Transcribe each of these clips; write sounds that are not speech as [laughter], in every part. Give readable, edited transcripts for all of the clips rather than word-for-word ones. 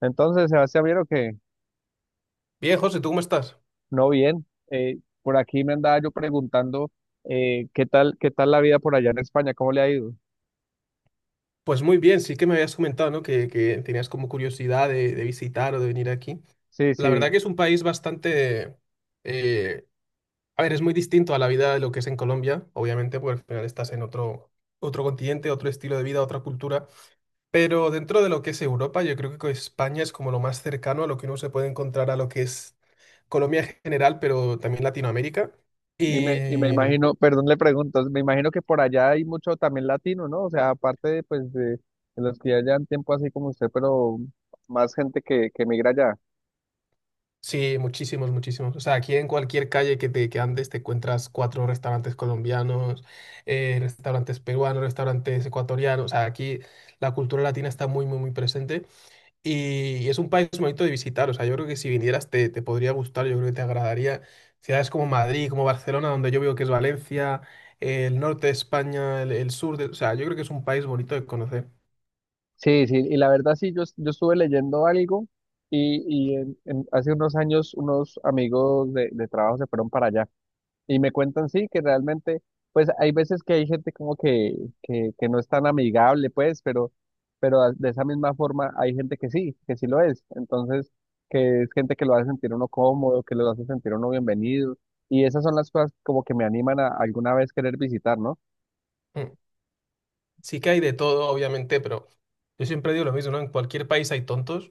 Entonces, Sebastián, vieron que Bien, José, ¿tú cómo estás? no bien. Por aquí me andaba yo preguntando qué tal la vida por allá en España, cómo le ha ido. Pues muy bien, sí que me habías comentado, ¿no? Que tenías como curiosidad de visitar o de venir aquí. Sí, La verdad sí. que es un país bastante... eh, a ver, es muy distinto a la vida de lo que es en Colombia, obviamente, porque al final estás en otro continente, otro estilo de vida, otra cultura. Pero dentro de lo que es Europa, yo creo que España es como lo más cercano a lo que uno se puede encontrar a lo que es Colombia en general, pero también Latinoamérica. Y Y me, y me imagino, perdón, le pregunto, me imagino que por allá hay mucho también latino, ¿no? O sea, aparte de, pues, de los que ya llevan tiempo así como usted, pero más gente que migra allá. Sí, muchísimos, muchísimos. O sea, aquí en cualquier calle que andes te encuentras cuatro restaurantes colombianos, restaurantes peruanos, restaurantes ecuatorianos. O sea, aquí la cultura latina está muy, muy, muy presente y es un país bonito de visitar. O sea, yo creo que si vinieras te podría gustar, yo creo que te agradaría. Ciudades como Madrid, como Barcelona, donde yo veo que es Valencia, el norte de España, el sur de... O sea, yo creo que es un país bonito de conocer. Sí, sí, y la verdad sí, yo, yo estuve leyendo algo y, hace unos años unos amigos de trabajo se fueron para allá. Y me cuentan, sí, que realmente, pues hay veces que hay gente como que, que no es tan amigable, pues, pero, de esa misma forma hay gente que sí lo es. Entonces, que es gente que lo hace sentir uno cómodo, que lo hace sentir uno bienvenido. Y esas son las cosas como que me animan a alguna vez querer visitar, ¿no? Mm. Sí que hay de todo, obviamente, pero yo siempre digo lo mismo, ¿no? En cualquier país hay tontos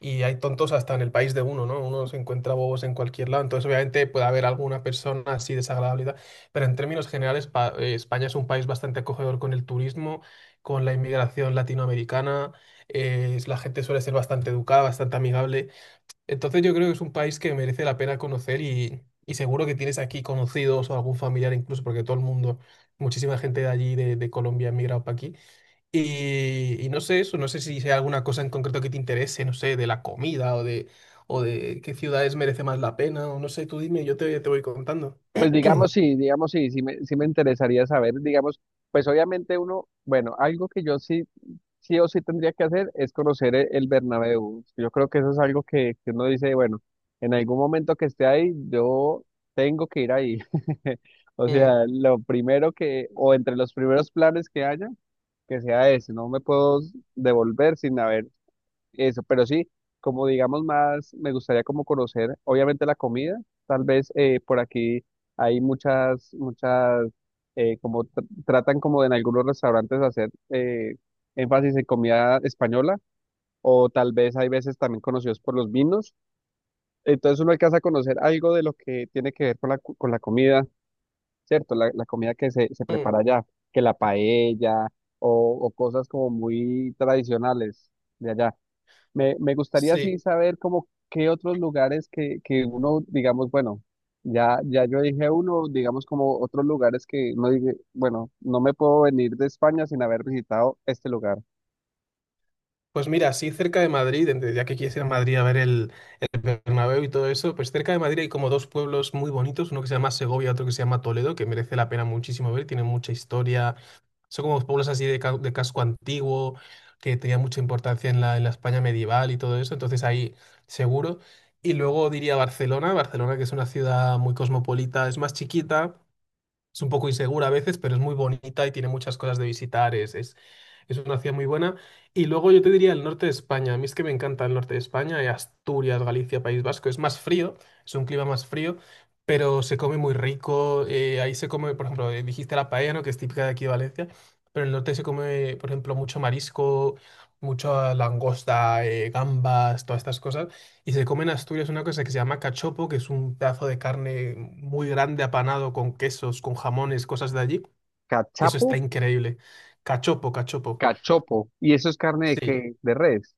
y hay tontos hasta en el país de uno, ¿no? Uno se encuentra bobos en cualquier lado, entonces obviamente puede haber alguna persona así desagradable, y tal, pero en términos generales España es un país bastante acogedor con el turismo, con la inmigración latinoamericana, la gente suele ser bastante educada, bastante amigable, entonces yo creo que es un país que merece la pena conocer y seguro que tienes aquí conocidos o algún familiar incluso, porque todo el mundo... Muchísima gente de allí, de Colombia, ha migrado para aquí. Y no sé eso, no sé si hay alguna cosa en concreto que te interese, no sé, de la comida o de qué ciudades merece más la pena, o no sé, tú dime, yo te voy contando. Pues digamos, sí, sí me interesaría saber, digamos, pues obviamente uno, bueno, algo que yo sí sí o sí tendría que hacer es conocer el Bernabéu. Yo creo que eso es algo que uno dice, bueno, en algún momento que esté ahí, yo tengo que ir ahí. [laughs] O Mm, sea, lo primero que, o entre los primeros planes que haya, que sea ese. No me puedo devolver sin haber eso, pero sí, como digamos más, me gustaría como conocer, obviamente la comida, tal vez por aquí hay muchas, muchas, como tratan como en algunos restaurantes hacer énfasis en comida española, o tal vez hay veces también conocidos por los vinos, entonces uno alcanza a conocer algo de lo que tiene que ver con la, con la comida, ¿cierto? La comida que se mm, prepara allá, que la paella o cosas como muy tradicionales de allá. Me gustaría sí. así saber como qué otros lugares que uno, digamos, bueno, ya, ya yo dije uno, digamos como otros lugares que no dije, bueno, no me puedo venir de España sin haber visitado este lugar. Pues mira, así cerca de Madrid, ya que quieres ir a Madrid a ver el Bernabéu y todo eso, pues cerca de Madrid hay como dos pueblos muy bonitos, uno que se llama Segovia, otro que se llama Toledo, que merece la pena muchísimo ver, tienen mucha historia, son como pueblos así de, de casco antiguo, que tenían mucha importancia en la España medieval y todo eso, entonces ahí seguro. Y luego diría Barcelona, Barcelona que es una ciudad muy cosmopolita, es más chiquita, es un poco insegura a veces, pero es muy bonita y tiene muchas cosas de visitar, es una ciudad muy buena. Y luego yo te diría el norte de España. A mí es que me encanta el norte de España, Asturias, Galicia, País Vasco. Es más frío, es un clima más frío, pero se come muy rico. Ahí se come, por ejemplo, dijiste la paella, ¿no? Que es típica de aquí de Valencia. Pero en el norte se come, por ejemplo, mucho marisco, mucha langosta, gambas, todas estas cosas. Y se come en Asturias una cosa que se llama cachopo, que es un pedazo de carne muy grande apanado con quesos, con jamones, cosas de allí. Eso está Cachapo, increíble. Cachopo, cachopo. cachopo. ¿Y eso es carne de Sí, qué? De res.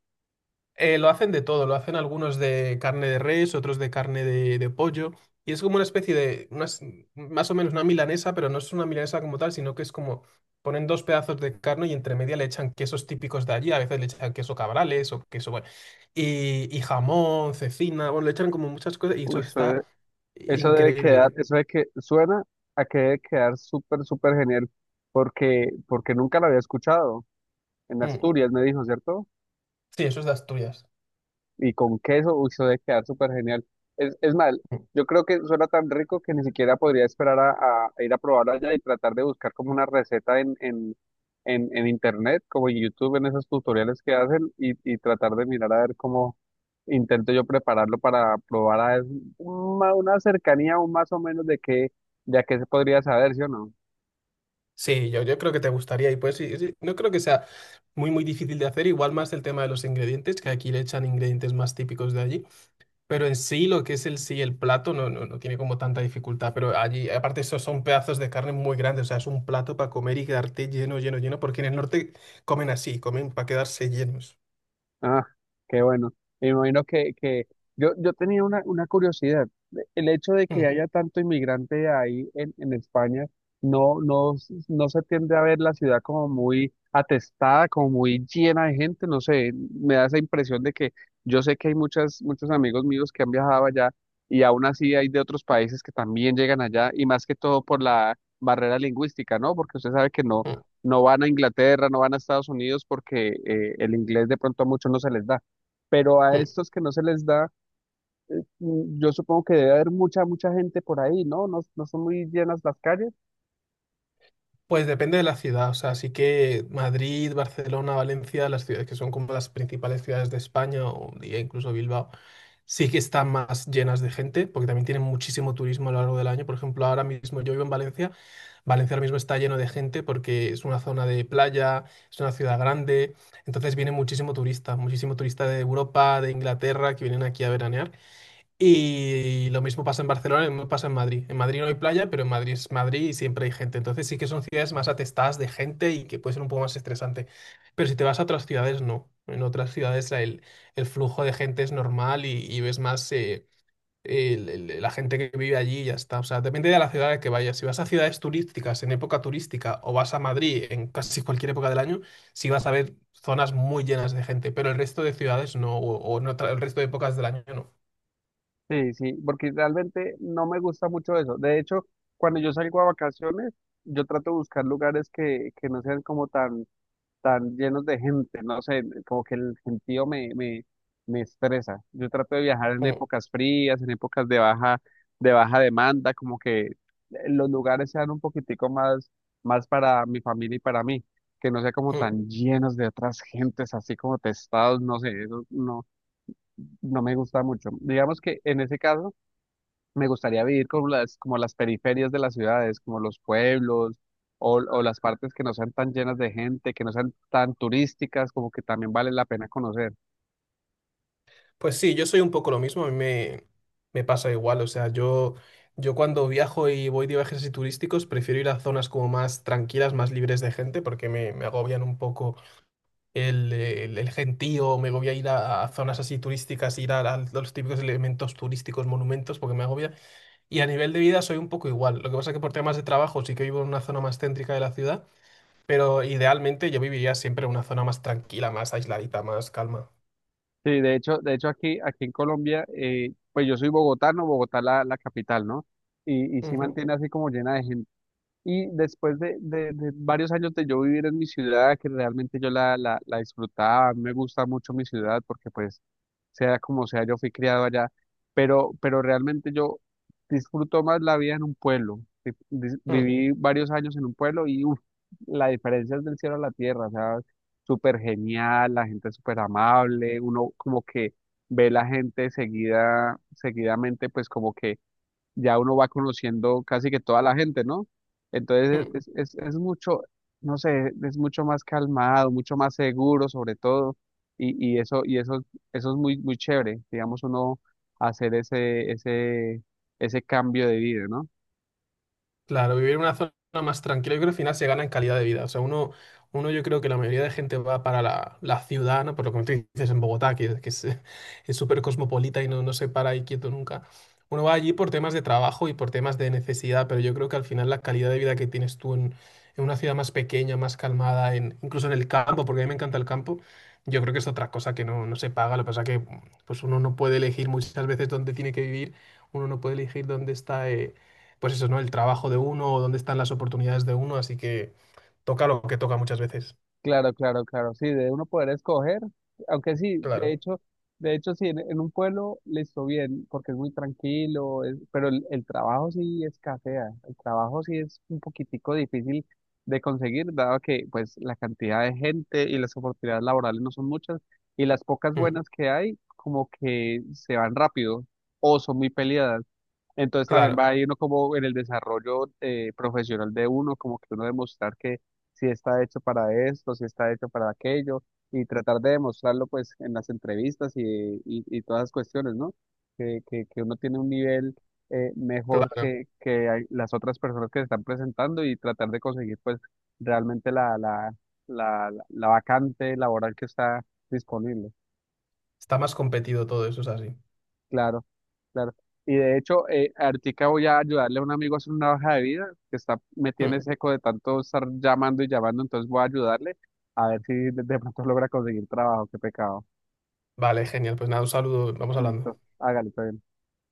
lo hacen de todo, lo hacen algunos de carne de res, otros de carne de pollo, y es como una especie de, más o menos una milanesa, pero no es una milanesa como tal, sino que es como ponen dos pedazos de carne y entre media le echan quesos típicos de allí, a veces le echan queso cabrales o queso, bueno, y jamón, cecina, bueno, le echan como muchas cosas y Uy, eso eso, está eso debe quedar, increíble. eso de que suena a que debe quedar súper, súper genial porque, porque nunca lo había escuchado. En Mm. Asturias me dijo, ¿cierto? Sí, eso es de Asturias. Y con queso, uy, eso debe quedar súper genial. Es mal, yo creo que suena tan rico que ni siquiera podría esperar a, a ir a probarlo allá y tratar de buscar como una receta en internet, como en YouTube, en esos tutoriales que hacen y tratar de mirar a ver cómo intento yo prepararlo para probar a ver una cercanía o más o menos de qué, de a qué se podría saber, ¿sí o no? Sí, yo creo que te gustaría y pues sí, sí, no creo que sea muy difícil de hacer, igual más el tema de los ingredientes, que aquí le echan ingredientes más típicos de allí, pero en sí lo que es el sí el plato no, no, no tiene como tanta dificultad, pero allí aparte esos son pedazos de carne muy grandes, o sea, es un plato para comer y quedarte lleno, lleno, lleno, porque en el norte comen así, comen para quedarse llenos. Ah, qué bueno. Me imagino que yo tenía una curiosidad. El hecho de que Mm, haya tanto inmigrante ahí en España, no, no, no se tiende a ver la ciudad como muy atestada, como muy llena de gente. No sé, me da esa impresión de que yo sé que hay muchas, muchos amigos míos que han viajado allá y aún así hay de otros países que también llegan allá y más que todo por la barrera lingüística, ¿no? Porque usted sabe que mm, no van a Inglaterra, no van a Estados Unidos porque el inglés de pronto a muchos no se les da. Pero a mm. estos que no se les da, yo supongo que debe haber mucha, mucha gente por ahí, ¿no? No, no son muy llenas las calles. Pues depende de la ciudad, o sea, sí que Madrid, Barcelona, Valencia, las ciudades que son como las principales ciudades de España o diría incluso Bilbao, sí que están más llenas de gente, porque también tienen muchísimo turismo a lo largo del año. Por ejemplo, ahora mismo yo vivo en Valencia, Valencia ahora mismo está lleno de gente porque es una zona de playa, es una ciudad grande, entonces viene muchísimo turista de Europa, de Inglaterra, que vienen aquí a veranear. Y lo mismo pasa en Barcelona, lo mismo pasa en Madrid. En Madrid no hay playa, pero en Madrid es Madrid y siempre hay gente. Entonces sí que son ciudades más atestadas de gente y que puede ser un poco más estresante. Pero si te vas a otras ciudades, no. En otras ciudades el flujo de gente es normal y ves más la gente que vive allí y ya está. O sea, depende de la ciudad a la que vayas. Si vas a ciudades turísticas en época turística o vas a Madrid en casi cualquier época del año, sí vas a ver zonas muy llenas de gente. Pero el resto de ciudades no, o en el resto de épocas del año no. Sí, sí, porque realmente no me gusta mucho eso. De hecho, cuando yo salgo a vacaciones, yo trato de buscar lugares que no sean como tan tan llenos de gente, no sé, como que el gentío me estresa. Yo trato de viajar en Mm, épocas frías, en épocas de baja demanda, como que los lugares sean un poquitico más, más para mi familia y para mí, que no sea como mm. tan llenos de otras gentes, así como testados, no sé, eso no, no me gusta mucho. Digamos que en ese caso me gustaría vivir como las periferias de las ciudades, como los pueblos o las partes que no sean tan llenas de gente, que no sean tan turísticas, como que también vale la pena conocer. Pues sí, yo soy un poco lo mismo, me pasa igual, o sea, yo cuando viajo y voy de viajes así turísticos prefiero ir a zonas como más tranquilas, más libres de gente, porque me agobian un poco el gentío, me agobia ir a zonas así turísticas, ir a los típicos elementos turísticos, monumentos, porque me agobia. Y a nivel de vida soy un poco igual, lo que pasa que por temas de trabajo sí que vivo en una zona más céntrica de la ciudad, pero idealmente yo viviría siempre en una zona más tranquila, más aisladita, más calma. Sí, de hecho aquí, aquí en Colombia, pues yo soy bogotano, Bogotá la, la capital, ¿no? Y sí Ujú, mantiene así como llena de gente. Y después de, de varios años de yo vivir en mi ciudad, que realmente yo la, la, la disfrutaba, me gusta mucho mi ciudad porque pues sea como sea, yo fui criado allá, pero realmente yo disfruto más la vida en un pueblo. Mm, Viví varios años en un pueblo y uf, la diferencia es del cielo a la tierra, o sea, súper genial, la gente es súper amable, uno como que ve la gente seguida, seguidamente, pues como que ya uno va conociendo casi que toda la gente, ¿no? Entonces mm. Es mucho, no sé, es mucho más calmado, mucho más seguro sobre todo, y eso, eso es muy, muy chévere, digamos, uno hacer ese cambio de vida, ¿no? Claro, vivir en una zona más tranquila, yo creo que al final se gana en calidad de vida. O sea, uno yo creo que la mayoría de gente va para la ciudad, ¿no? Por lo que tú dices en Bogotá, que es [laughs] es súper cosmopolita y no, no se para ahí quieto nunca. Uno va allí por temas de trabajo y por temas de necesidad, pero yo creo que al final la calidad de vida que tienes tú en una ciudad más pequeña, más calmada, incluso en el campo, porque a mí me encanta el campo, yo creo que es otra cosa que no, no se paga. Lo que pasa que pues uno no puede elegir muchas veces dónde tiene que vivir, uno no puede elegir dónde está. Pues eso, ¿no? El trabajo de uno o dónde están las oportunidades de uno, así que toca lo que toca muchas veces. Claro, claro, claro, sí, de uno poder escoger, aunque sí, Claro, de hecho sí, en un pueblo listo bien, porque es muy tranquilo, pero el trabajo sí escasea, el trabajo sí es un poquitico difícil de conseguir, dado que pues la cantidad de gente y las oportunidades laborales no son muchas, y las pocas mm, buenas que hay como que se van rápido o son muy peleadas. Entonces también va claro, a ir uno como en el desarrollo profesional de uno, como que uno demostrar que si está hecho para esto, si está hecho para aquello, y tratar de demostrarlo pues en las entrevistas y todas las cuestiones, ¿no? Que, que uno tiene un nivel mejor claro. Que las otras personas que se están presentando y tratar de conseguir pues realmente la, la, la vacante laboral que está disponible. Está más competido todo eso, es así. Claro, claro. Y de hecho, ahorita voy a ayudarle a un amigo a hacer una hoja de vida que está, me Mm. tiene seco de tanto estar llamando y llamando, entonces voy a ayudarle a ver si de pronto logra conseguir trabajo. Qué pecado. Vale, genial. Pues nada, un saludo, vamos hablando. Listo, hágale, todo bien.